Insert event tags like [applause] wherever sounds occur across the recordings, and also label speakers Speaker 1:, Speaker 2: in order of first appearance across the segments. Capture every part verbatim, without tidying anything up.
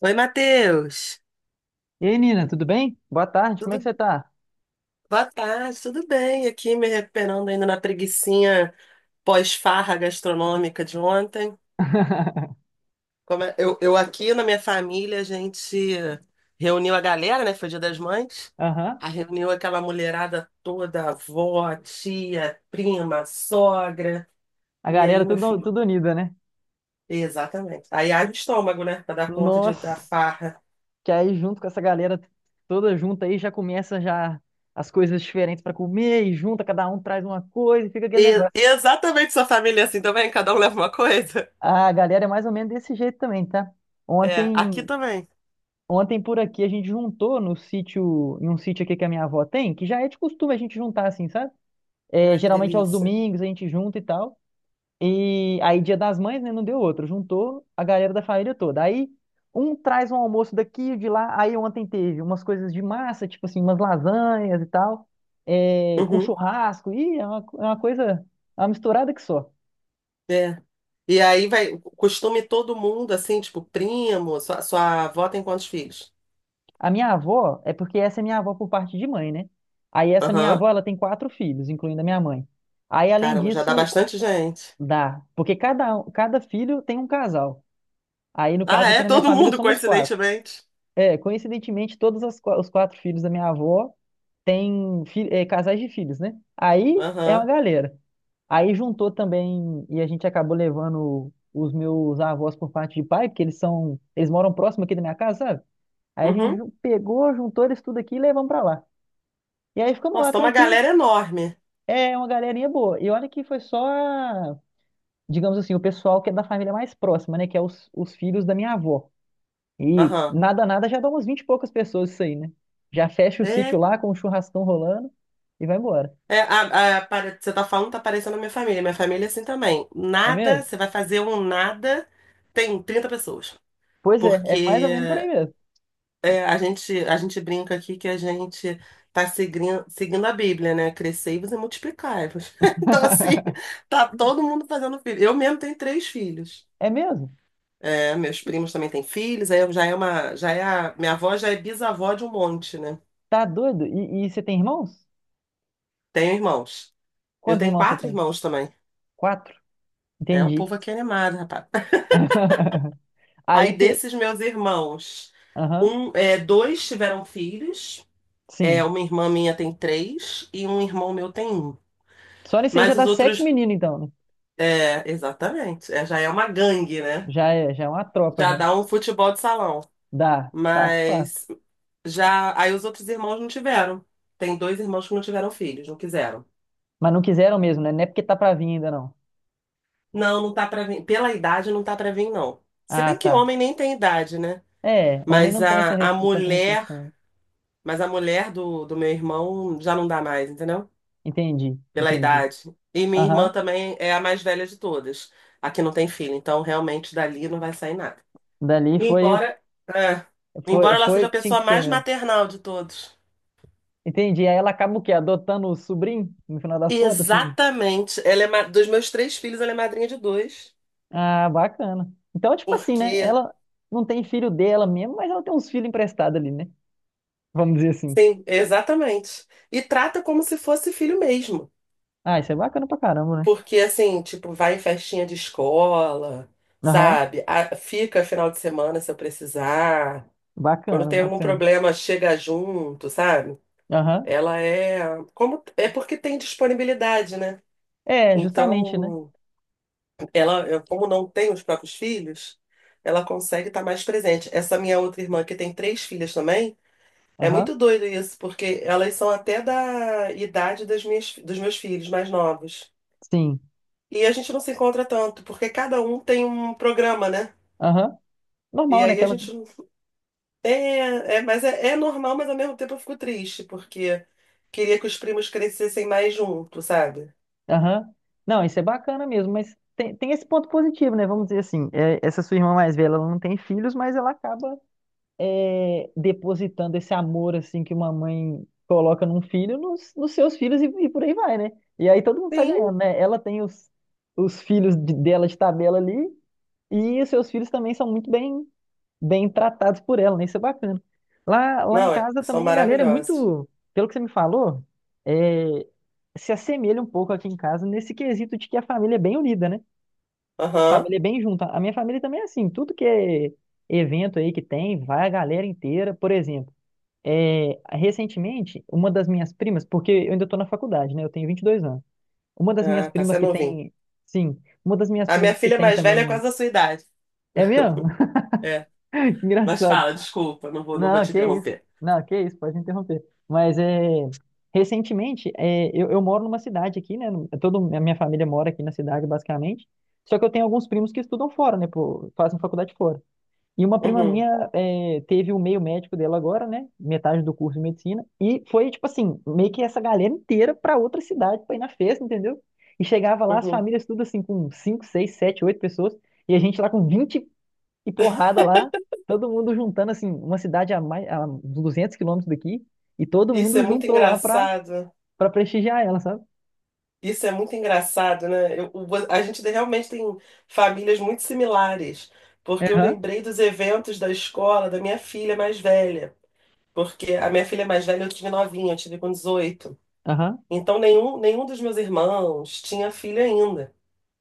Speaker 1: Oi, Matheus.
Speaker 2: E aí, Nina, tudo bem? Boa tarde, como é que
Speaker 1: Tudo.
Speaker 2: você tá?
Speaker 1: Boa tarde, tudo bem? Aqui me recuperando ainda na preguicinha pós-farra gastronômica de ontem.
Speaker 2: [laughs]
Speaker 1: Como é- eu, eu aqui na minha família, a gente reuniu a galera, né? Foi Dia das Mães.
Speaker 2: Aham.
Speaker 1: A Reuniu aquela mulherada toda, avó, tia, prima, sogra.
Speaker 2: A
Speaker 1: E aí,
Speaker 2: galera
Speaker 1: meu
Speaker 2: tudo,
Speaker 1: filho?
Speaker 2: tudo unida, né?
Speaker 1: Exatamente. Aí abre o estômago, né? Pra dar conta de, da
Speaker 2: Nossa,
Speaker 1: farra.
Speaker 2: que aí junto com essa galera toda junta aí já começa já as coisas diferentes pra comer e junta, cada um traz uma coisa e fica aquele
Speaker 1: E-
Speaker 2: negócio.
Speaker 1: exatamente, sua família é assim também? Cada um leva uma coisa?
Speaker 2: A galera é mais ou menos desse jeito também, tá?
Speaker 1: É, aqui
Speaker 2: Ontem,
Speaker 1: também.
Speaker 2: ontem por aqui a gente juntou no sítio, em um sítio aqui que a minha avó tem, que já é de costume a gente juntar assim, sabe? É,
Speaker 1: Ai, que
Speaker 2: geralmente aos
Speaker 1: delícia.
Speaker 2: domingos a gente junta e tal. E aí, Dia das Mães, né? Não deu outro. Juntou a galera da família toda. Aí, um traz um almoço daqui e de lá. Aí, ontem teve umas coisas de massa, tipo assim, umas lasanhas e tal, é, com
Speaker 1: Uhum,
Speaker 2: churrasco. Ih, é uma, é uma coisa, é uma misturada que só.
Speaker 1: é. E aí vai, costume todo mundo, assim, tipo, primo, sua, sua avó tem quantos filhos?
Speaker 2: A minha avó, é porque essa é minha avó por parte de mãe, né? Aí, essa minha
Speaker 1: Aham.
Speaker 2: avó, ela tem quatro filhos, incluindo a minha mãe. Aí, além
Speaker 1: Caramba, já dá
Speaker 2: disso,
Speaker 1: bastante gente.
Speaker 2: dá. Porque cada, um, cada filho tem um casal. Aí, no
Speaker 1: Ah,
Speaker 2: caso aqui
Speaker 1: é?
Speaker 2: na minha
Speaker 1: Todo
Speaker 2: família,
Speaker 1: mundo,
Speaker 2: somos quatro.
Speaker 1: coincidentemente.
Speaker 2: É, coincidentemente, todos as qua- os quatro filhos da minha avó têm fi- é, casais de filhos, né? Aí é uma
Speaker 1: Aham.
Speaker 2: galera. Aí juntou também, e a gente acabou levando os meus avós por parte de pai, porque eles são, eles moram próximo aqui da minha casa, sabe? Aí a gente
Speaker 1: Uhum.
Speaker 2: ju- pegou, juntou eles tudo aqui e levamos pra lá. E aí ficamos
Speaker 1: Nossa,
Speaker 2: lá
Speaker 1: tem uma
Speaker 2: tranquilo.
Speaker 1: galera enorme.
Speaker 2: É uma galerinha boa. E olha que foi só, a- digamos assim, o pessoal que é da família mais próxima, né? Que é os, os filhos da minha avó. E
Speaker 1: Aham.
Speaker 2: nada, nada, já dá umas vinte e poucas pessoas isso aí, né? Já fecha o sítio
Speaker 1: É,
Speaker 2: lá com o churrascão rolando e vai embora.
Speaker 1: é a, a- pare- Você tá falando, tá parecendo a minha família. Minha família é assim também.
Speaker 2: É
Speaker 1: Nada,
Speaker 2: mesmo?
Speaker 1: você vai fazer um nada, tem trinta pessoas.
Speaker 2: Pois é, é mais ou
Speaker 1: Porque
Speaker 2: menos por aí mesmo.
Speaker 1: É, a gente, a gente brinca aqui que a gente tá seguindo, seguindo a Bíblia, né? Crescei e você multiplicai-vos. [laughs] Então, assim, tá todo mundo fazendo filho. Eu mesmo tenho três filhos.
Speaker 2: É mesmo?
Speaker 1: É, meus primos também têm filhos, aí eu já é uma, já é a, minha avó já é bisavó de um monte, né?
Speaker 2: Tá doido? E, e você tem irmãos?
Speaker 1: Tenho irmãos. Eu
Speaker 2: Quantos
Speaker 1: tenho
Speaker 2: irmãos você
Speaker 1: quatro
Speaker 2: tem?
Speaker 1: irmãos também.
Speaker 2: Quatro?
Speaker 1: É, o
Speaker 2: Entendi.
Speaker 1: povo aqui é animado, rapaz.
Speaker 2: [laughs]
Speaker 1: [laughs]
Speaker 2: Aí,
Speaker 1: Aí
Speaker 2: pe...
Speaker 1: desses meus irmãos,
Speaker 2: Aham,
Speaker 1: um, é, dois tiveram filhos. É,
Speaker 2: sim.
Speaker 1: uma irmã minha tem três e um irmão meu tem um.
Speaker 2: Só nisso aí já
Speaker 1: Mas
Speaker 2: dá
Speaker 1: os
Speaker 2: sete
Speaker 1: outros
Speaker 2: meninos, então, né?
Speaker 1: É, exatamente. É, já é uma gangue, né?
Speaker 2: Já é, já é uma tropa,
Speaker 1: Já
Speaker 2: já.
Speaker 1: dá um futebol de salão.
Speaker 2: Dá, fácil, fácil.
Speaker 1: Mas já. Aí os outros irmãos não tiveram. Tem dois irmãos que não tiveram filhos, não quiseram.
Speaker 2: Mas não quiseram mesmo, né? Não é porque tá pra vir ainda, não.
Speaker 1: Não, não tá pra vir. Pela idade não tá pra vir, não. Se
Speaker 2: Ah,
Speaker 1: bem que
Speaker 2: tá.
Speaker 1: homem nem tem idade, né?
Speaker 2: É, homem
Speaker 1: Mas
Speaker 2: não tem essa
Speaker 1: a, a
Speaker 2: res- tanta
Speaker 1: mulher.
Speaker 2: restrição. Né?
Speaker 1: Mas a mulher do, do meu irmão já não dá mais, entendeu?
Speaker 2: Entendi,
Speaker 1: Pela
Speaker 2: entendi.
Speaker 1: idade. E minha irmã
Speaker 2: Aham.
Speaker 1: também é a mais velha de todas. Aqui não tem filho, então realmente dali não vai sair nada.
Speaker 2: Dali foi,
Speaker 1: Embora, é,
Speaker 2: foi,
Speaker 1: embora ela
Speaker 2: foi
Speaker 1: seja
Speaker 2: o
Speaker 1: a
Speaker 2: que tinha
Speaker 1: pessoa
Speaker 2: que ser
Speaker 1: mais
Speaker 2: mesmo.
Speaker 1: maternal de todos.
Speaker 2: Entendi. Aí ela acaba o quê? Adotando o sobrinho, no final das contas, assim.
Speaker 1: Exatamente. Ela é ma- dos meus três filhos, ela é madrinha de dois.
Speaker 2: Ah, bacana. Então, tipo assim, né?
Speaker 1: Porque,
Speaker 2: Ela não tem filho dela mesmo, mas ela tem uns filhos emprestados ali, né? Vamos dizer assim.
Speaker 1: sim, exatamente. E trata como se fosse filho mesmo.
Speaker 2: Ah, isso é bacana pra caramba, né?
Speaker 1: Porque, assim, tipo, vai em festinha de escola,
Speaker 2: Aham.
Speaker 1: sabe? A- Fica final de semana se eu precisar. Quando
Speaker 2: Bacana,
Speaker 1: tem algum
Speaker 2: bacana.
Speaker 1: problema, chega junto, sabe?
Speaker 2: Aham.
Speaker 1: Ela é. Como, é porque tem disponibilidade, né?
Speaker 2: É, justamente, né?
Speaker 1: Então. Ela, eu- como não tem os próprios filhos, ela consegue estar mais presente. Essa minha outra irmã, que tem três filhas também, é
Speaker 2: Aham.
Speaker 1: muito doido isso, porque elas são até da idade das minhas, dos meus filhos mais novos.
Speaker 2: Sim.
Speaker 1: E a gente não se encontra tanto, porque cada um tem um programa, né?
Speaker 2: Aham.
Speaker 1: E
Speaker 2: Normal, né?
Speaker 1: aí a
Speaker 2: Aquela...
Speaker 1: gente. Não- É, é, mas é, é normal, mas ao mesmo tempo eu fico triste, porque queria que os primos crescessem mais juntos, sabe?
Speaker 2: Aham. Não, isso é bacana mesmo, mas tem, tem esse ponto positivo, né? Vamos dizer assim. É, essa sua irmã mais velha, ela não tem filhos, mas ela acaba é, depositando esse amor assim que uma mãe coloca num filho nos, nos, seus filhos e, e por aí vai, né? E aí todo mundo sai
Speaker 1: Sim.
Speaker 2: ganhando, né? Ela tem os, os filhos de- dela de tabela ali e os seus filhos também são muito bem bem tratados por ela, né? Isso é bacana. Lá, lá em
Speaker 1: Não, é-
Speaker 2: casa
Speaker 1: são
Speaker 2: também a galera é
Speaker 1: maravilhosos.
Speaker 2: muito, pelo que você me falou, é, se assemelha um pouco aqui em casa nesse quesito de que a família é bem unida, né? A
Speaker 1: Aham.
Speaker 2: família é bem junta. A minha família também é assim, tudo que é evento aí que tem, vai a galera inteira, por exemplo. É, recentemente, uma das minhas primas, porque eu ainda estou na faculdade, né? Eu tenho vinte e dois anos. Uma das minhas
Speaker 1: Ah, tá
Speaker 2: primas que
Speaker 1: sendo novinho.
Speaker 2: tem, sim, uma das minhas
Speaker 1: A minha
Speaker 2: primas que
Speaker 1: filha
Speaker 2: tem
Speaker 1: mais velha é
Speaker 2: também.
Speaker 1: quase a sua idade.
Speaker 2: É mesmo?
Speaker 1: É.
Speaker 2: [laughs]
Speaker 1: Mas
Speaker 2: Engraçado.
Speaker 1: fala, desculpa, não vou, não vou
Speaker 2: Não,
Speaker 1: te
Speaker 2: que isso.
Speaker 1: interromper.
Speaker 2: Não, que isso, pode interromper. Mas é, recentemente, é, eu, eu moro numa cidade aqui, né? no- Toda a minha família mora aqui na cidade, basicamente. Só que eu tenho alguns primos que estudam fora, né? pô, fazem faculdade fora. E uma prima
Speaker 1: Uhum,
Speaker 2: minha é, teve o meio médico dela agora, né? Metade do curso de medicina. E foi, tipo assim, meio que essa galera inteira pra outra cidade pra ir na festa, entendeu? E chegava lá, as
Speaker 1: uhum.
Speaker 2: famílias tudo assim, com cinco seis sete oito pessoas. E a gente lá com vinte e porrada lá. Todo mundo juntando, assim, uma cidade a mais, a duzentos quilômetros daqui. E todo
Speaker 1: Isso é
Speaker 2: mundo
Speaker 1: muito
Speaker 2: juntou lá pra,
Speaker 1: engraçado.
Speaker 2: pra prestigiar ela, sabe?
Speaker 1: Isso é muito engraçado, né? Eu- o- a gente realmente tem famílias muito similares, porque eu
Speaker 2: Aham,
Speaker 1: lembrei dos eventos da escola da minha filha mais velha, porque a minha filha mais velha eu tive novinha, eu tive com dezoito.
Speaker 2: aham,
Speaker 1: Então nenhum, nenhum dos meus irmãos tinha filho ainda.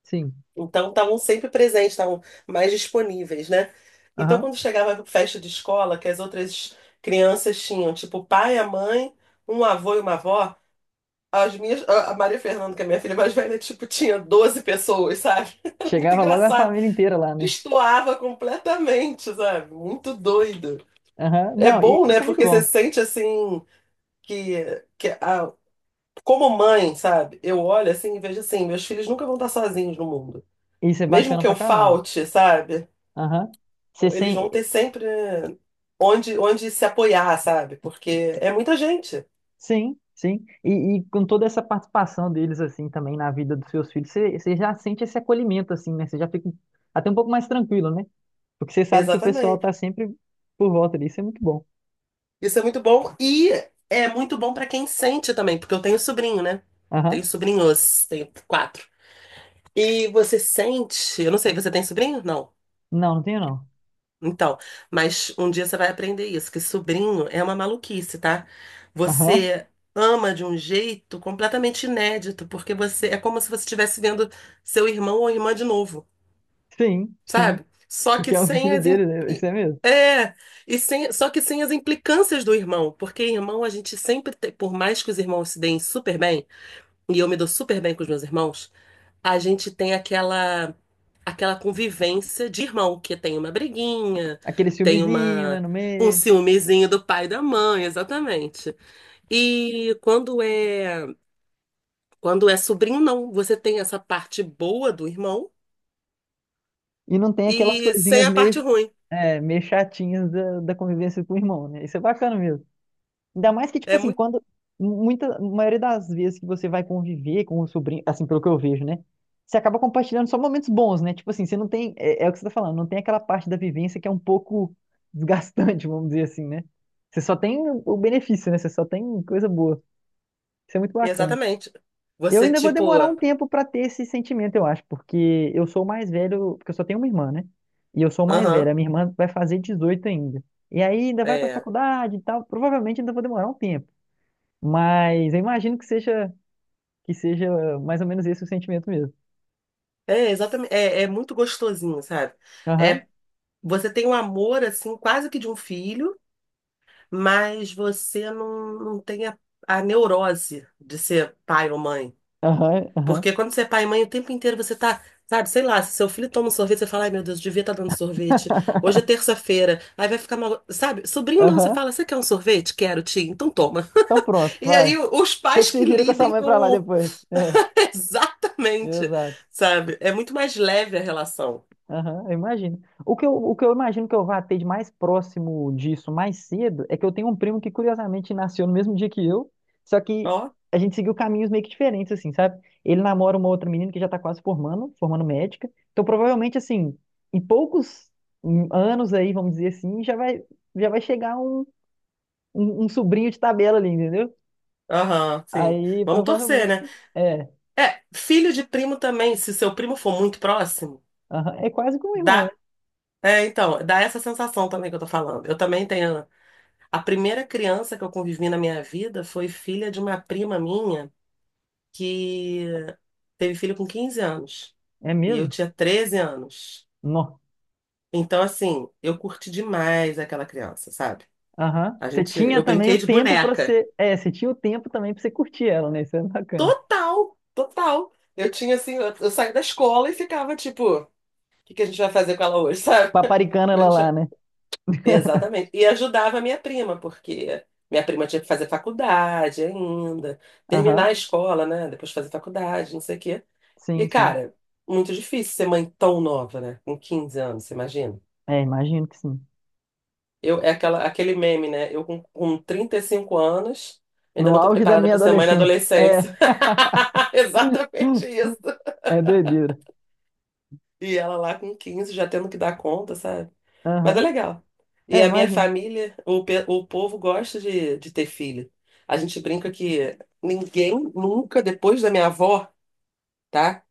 Speaker 2: sim,
Speaker 1: Então estavam sempre presentes, estavam mais disponíveis, né? Então
Speaker 2: aham.
Speaker 1: quando chegava a festa de escola, que as outras crianças tinham, tipo, o pai, a mãe, um avô e uma avó, as minhas, a a Maria Fernanda, que é minha filha mais velha, tipo, tinha doze pessoas, sabe? [laughs] Era muito
Speaker 2: Chegava logo a
Speaker 1: engraçado.
Speaker 2: família inteira lá, né?
Speaker 1: Destoava completamente, sabe? Muito doido.
Speaker 2: Aham.
Speaker 1: É
Speaker 2: Não, e-
Speaker 1: bom, né?
Speaker 2: isso é muito
Speaker 1: Porque você
Speaker 2: bom.
Speaker 1: sente assim que, que a, como mãe, sabe? Eu olho assim e vejo assim, meus filhos nunca vão estar sozinhos no mundo.
Speaker 2: Isso é
Speaker 1: Mesmo
Speaker 2: bacana
Speaker 1: que
Speaker 2: pra
Speaker 1: eu
Speaker 2: caramba.
Speaker 1: falte, sabe?
Speaker 2: Aham. Você
Speaker 1: Eles vão
Speaker 2: sem...
Speaker 1: ter sempre onde, onde se apoiar, sabe? Porque é muita gente.
Speaker 2: Sim, sim. E, e com toda essa participação deles, assim, também na vida dos seus filhos, você, você já sente esse acolhimento, assim, né? Você já fica até um pouco mais tranquilo, né? Porque você sabe que o pessoal
Speaker 1: Exatamente.
Speaker 2: tá sempre por volta disso, é muito bom.
Speaker 1: Isso é muito bom e é muito bom para quem sente também, porque eu tenho sobrinho, né? Tenho
Speaker 2: Aham.
Speaker 1: sobrinhos, tenho quatro. E você sente, eu não sei, você tem sobrinho? Não.
Speaker 2: Não, não tenho não.
Speaker 1: Então, mas um dia você vai aprender isso, que sobrinho é uma maluquice, tá?
Speaker 2: Aham.
Speaker 1: Você ama de um jeito completamente inédito, porque você é como se você estivesse vendo seu irmão ou irmã de novo,
Speaker 2: Sim, sim.
Speaker 1: sabe? Só que
Speaker 2: Porque é o
Speaker 1: sem
Speaker 2: filho
Speaker 1: as im-
Speaker 2: dele, né? Isso
Speaker 1: e-
Speaker 2: é mesmo.
Speaker 1: é, e sem, só que sem as implicâncias do irmão, porque irmão a gente sempre tem, por mais que os irmãos se deem super bem, e eu me dou super bem com os meus irmãos, a gente tem aquela aquela convivência de irmão, que tem uma briguinha,
Speaker 2: Aquele
Speaker 1: tem
Speaker 2: filmezinho, né,
Speaker 1: uma
Speaker 2: no
Speaker 1: um
Speaker 2: meio.
Speaker 1: ciúmezinho do pai e da mãe, exatamente. E quando é quando é sobrinho, não, você tem essa parte boa do irmão
Speaker 2: E não tem aquelas
Speaker 1: e sem
Speaker 2: coisinhas
Speaker 1: a parte
Speaker 2: meio,
Speaker 1: ruim.
Speaker 2: é, meio chatinhas da, da convivência com o irmão, né? Isso é bacana mesmo. Ainda mais que, tipo
Speaker 1: É
Speaker 2: assim, quando. Muita, a maioria das vezes que você vai conviver com o sobrinho, assim, pelo que eu vejo, né? Você acaba compartilhando só momentos bons, né? Tipo assim, você não tem. É, é o que você tá falando, não tem aquela parte da vivência que é um pouco desgastante, [laughs] vamos dizer assim, né? Você só tem o benefício, né? Você só tem coisa boa. Isso é muito bacana.
Speaker 1: Exatamente.
Speaker 2: Eu
Speaker 1: Você,
Speaker 2: ainda vou
Speaker 1: tipo,
Speaker 2: demorar um tempo pra ter esse sentimento, eu acho, porque eu sou o mais velho, porque eu só tenho uma irmã, né? E eu sou o mais
Speaker 1: aham,
Speaker 2: velho, a minha irmã vai fazer dezoito ainda. E aí ainda vai pra
Speaker 1: é.
Speaker 2: faculdade e tal, provavelmente ainda vou demorar um tempo. Mas eu imagino que seja que seja mais ou menos esse o sentimento mesmo.
Speaker 1: É, exatamente. É, é muito gostosinho, sabe?
Speaker 2: Aham,
Speaker 1: É, você tem um amor, assim, quase que de um filho, mas você não, não tem a, a neurose de ser pai ou mãe.
Speaker 2: aham, aham,
Speaker 1: Porque quando você é pai e mãe, o tempo inteiro você tá, sabe, sei lá, se seu filho toma um sorvete, você fala, ai meu Deus, devia estar dando sorvete. Hoje é terça-feira, aí vai ficar mal. Sabe, sobrinho não, você
Speaker 2: aham.
Speaker 1: fala, você quer um sorvete? Quero, tia, então toma.
Speaker 2: Então pronto,
Speaker 1: E
Speaker 2: vai.
Speaker 1: aí os
Speaker 2: Tem
Speaker 1: pais
Speaker 2: que
Speaker 1: que
Speaker 2: se gira com a sua
Speaker 1: lidem
Speaker 2: mãe pra lá
Speaker 1: com
Speaker 2: depois. É,
Speaker 1: [laughs] Exatamente,
Speaker 2: exato.
Speaker 1: sabe? É muito mais leve a relação.
Speaker 2: Aham, eu imagino. O que eu, o que eu imagino que eu vá ter de mais próximo disso mais cedo é que eu tenho um primo que curiosamente nasceu no mesmo dia que eu, só que
Speaker 1: Ó,
Speaker 2: a gente seguiu caminhos meio que diferentes, assim, sabe? Ele namora uma outra menina que já tá quase formando, formando médica. Então, provavelmente, assim, em poucos hum, anos aí, vamos dizer assim, já vai, já vai, chegar um, um, um sobrinho de tabela ali, entendeu?
Speaker 1: aham, sim.
Speaker 2: Aí,
Speaker 1: Vamos torcer,
Speaker 2: provavelmente,
Speaker 1: né?
Speaker 2: é,
Speaker 1: É, filho de primo também, se seu primo for muito próximo,
Speaker 2: aham, é quase como um irmão, né?
Speaker 1: dá. É, então, dá essa sensação também que eu tô falando. Eu também tenho. A primeira criança que eu convivi na minha vida foi filha de uma prima minha que teve filho com quinze anos.
Speaker 2: É
Speaker 1: E eu
Speaker 2: mesmo?
Speaker 1: tinha treze anos.
Speaker 2: Nó.
Speaker 1: Então, assim, eu curti demais aquela criança, sabe?
Speaker 2: Aham.
Speaker 1: A
Speaker 2: Você
Speaker 1: gente,
Speaker 2: tinha
Speaker 1: eu
Speaker 2: também
Speaker 1: brinquei
Speaker 2: o
Speaker 1: de
Speaker 2: tempo pra
Speaker 1: boneca.
Speaker 2: você. É, você tinha o tempo também pra você curtir ela, né? Isso é bacana.
Speaker 1: Total, total. Eu tinha assim, eu, eu saí da escola e ficava tipo, o que que a gente vai fazer com ela hoje, sabe? [laughs]
Speaker 2: Paparicando
Speaker 1: A
Speaker 2: ela
Speaker 1: gente...
Speaker 2: lá,
Speaker 1: vai-
Speaker 2: né?
Speaker 1: Exatamente. E ajudava a minha prima, porque minha prima tinha que fazer faculdade ainda, terminar
Speaker 2: Aham.
Speaker 1: a escola, né? Depois fazer faculdade, não sei o quê. E,
Speaker 2: Sim, sim.
Speaker 1: cara, muito difícil ser mãe tão nova, né? Com quinze anos, você imagina?
Speaker 2: É, imagino que sim.
Speaker 1: Eu, é aquela, aquele meme, né? Eu com, com trinta e cinco anos, ainda
Speaker 2: No
Speaker 1: não tô
Speaker 2: auge da
Speaker 1: preparada
Speaker 2: minha
Speaker 1: para ser mãe na
Speaker 2: adolescência.
Speaker 1: adolescência.
Speaker 2: É.
Speaker 1: [laughs] Exatamente isso.
Speaker 2: [laughs] É doideira.
Speaker 1: E ela lá com quinze já tendo que dar conta, sabe? Mas é
Speaker 2: Aham.
Speaker 1: legal. E
Speaker 2: É,
Speaker 1: a minha
Speaker 2: imagino.
Speaker 1: família, o, pe- o povo gosta de, de ter filho. A gente brinca que ninguém nunca, depois da minha avó, tá?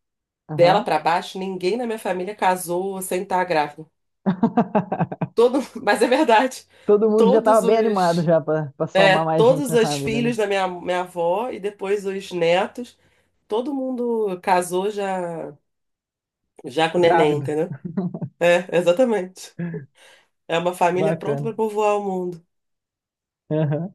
Speaker 1: Dela
Speaker 2: Aham.
Speaker 1: pra baixo, ninguém na minha família casou sem estar grávida.
Speaker 2: [laughs]
Speaker 1: Todo, [laughs] mas é verdade.
Speaker 2: Todo mundo já tava
Speaker 1: Todos
Speaker 2: bem animado
Speaker 1: os,
Speaker 2: já pra, pra
Speaker 1: é,
Speaker 2: somar mais gente
Speaker 1: todos
Speaker 2: na
Speaker 1: os
Speaker 2: família, né?
Speaker 1: filhos da minha, minha avó e depois os netos, todo mundo casou já, já com neném,
Speaker 2: Grávido.
Speaker 1: entendeu? É, exatamente. É uma família pronta
Speaker 2: Bacana.
Speaker 1: para povoar o mundo.
Speaker 2: Aham.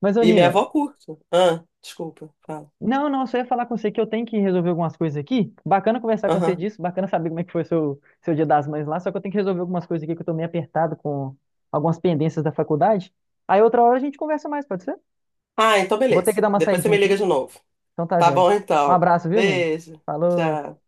Speaker 2: Mas, ô
Speaker 1: E minha
Speaker 2: Nina,
Speaker 1: avó curte. Ah, desculpa, fala.
Speaker 2: não, não, só ia falar com você que eu tenho que resolver algumas coisas aqui. Bacana conversar com você
Speaker 1: Aham.
Speaker 2: disso, bacana saber como é que foi seu, seu Dia das Mães lá, só que eu tenho que resolver algumas coisas aqui que eu tô meio apertado com algumas pendências da faculdade. Aí outra hora a gente conversa mais, pode ser?
Speaker 1: Ah, então
Speaker 2: Vou ter que
Speaker 1: beleza.
Speaker 2: dar uma
Speaker 1: Depois você
Speaker 2: saidinha
Speaker 1: me liga
Speaker 2: aqui.
Speaker 1: de novo.
Speaker 2: Então tá,
Speaker 1: Tá
Speaker 2: joia.
Speaker 1: bom,
Speaker 2: Um
Speaker 1: então.
Speaker 2: abraço, viu, Nino?
Speaker 1: Beijo.
Speaker 2: Falou.
Speaker 1: Tchau.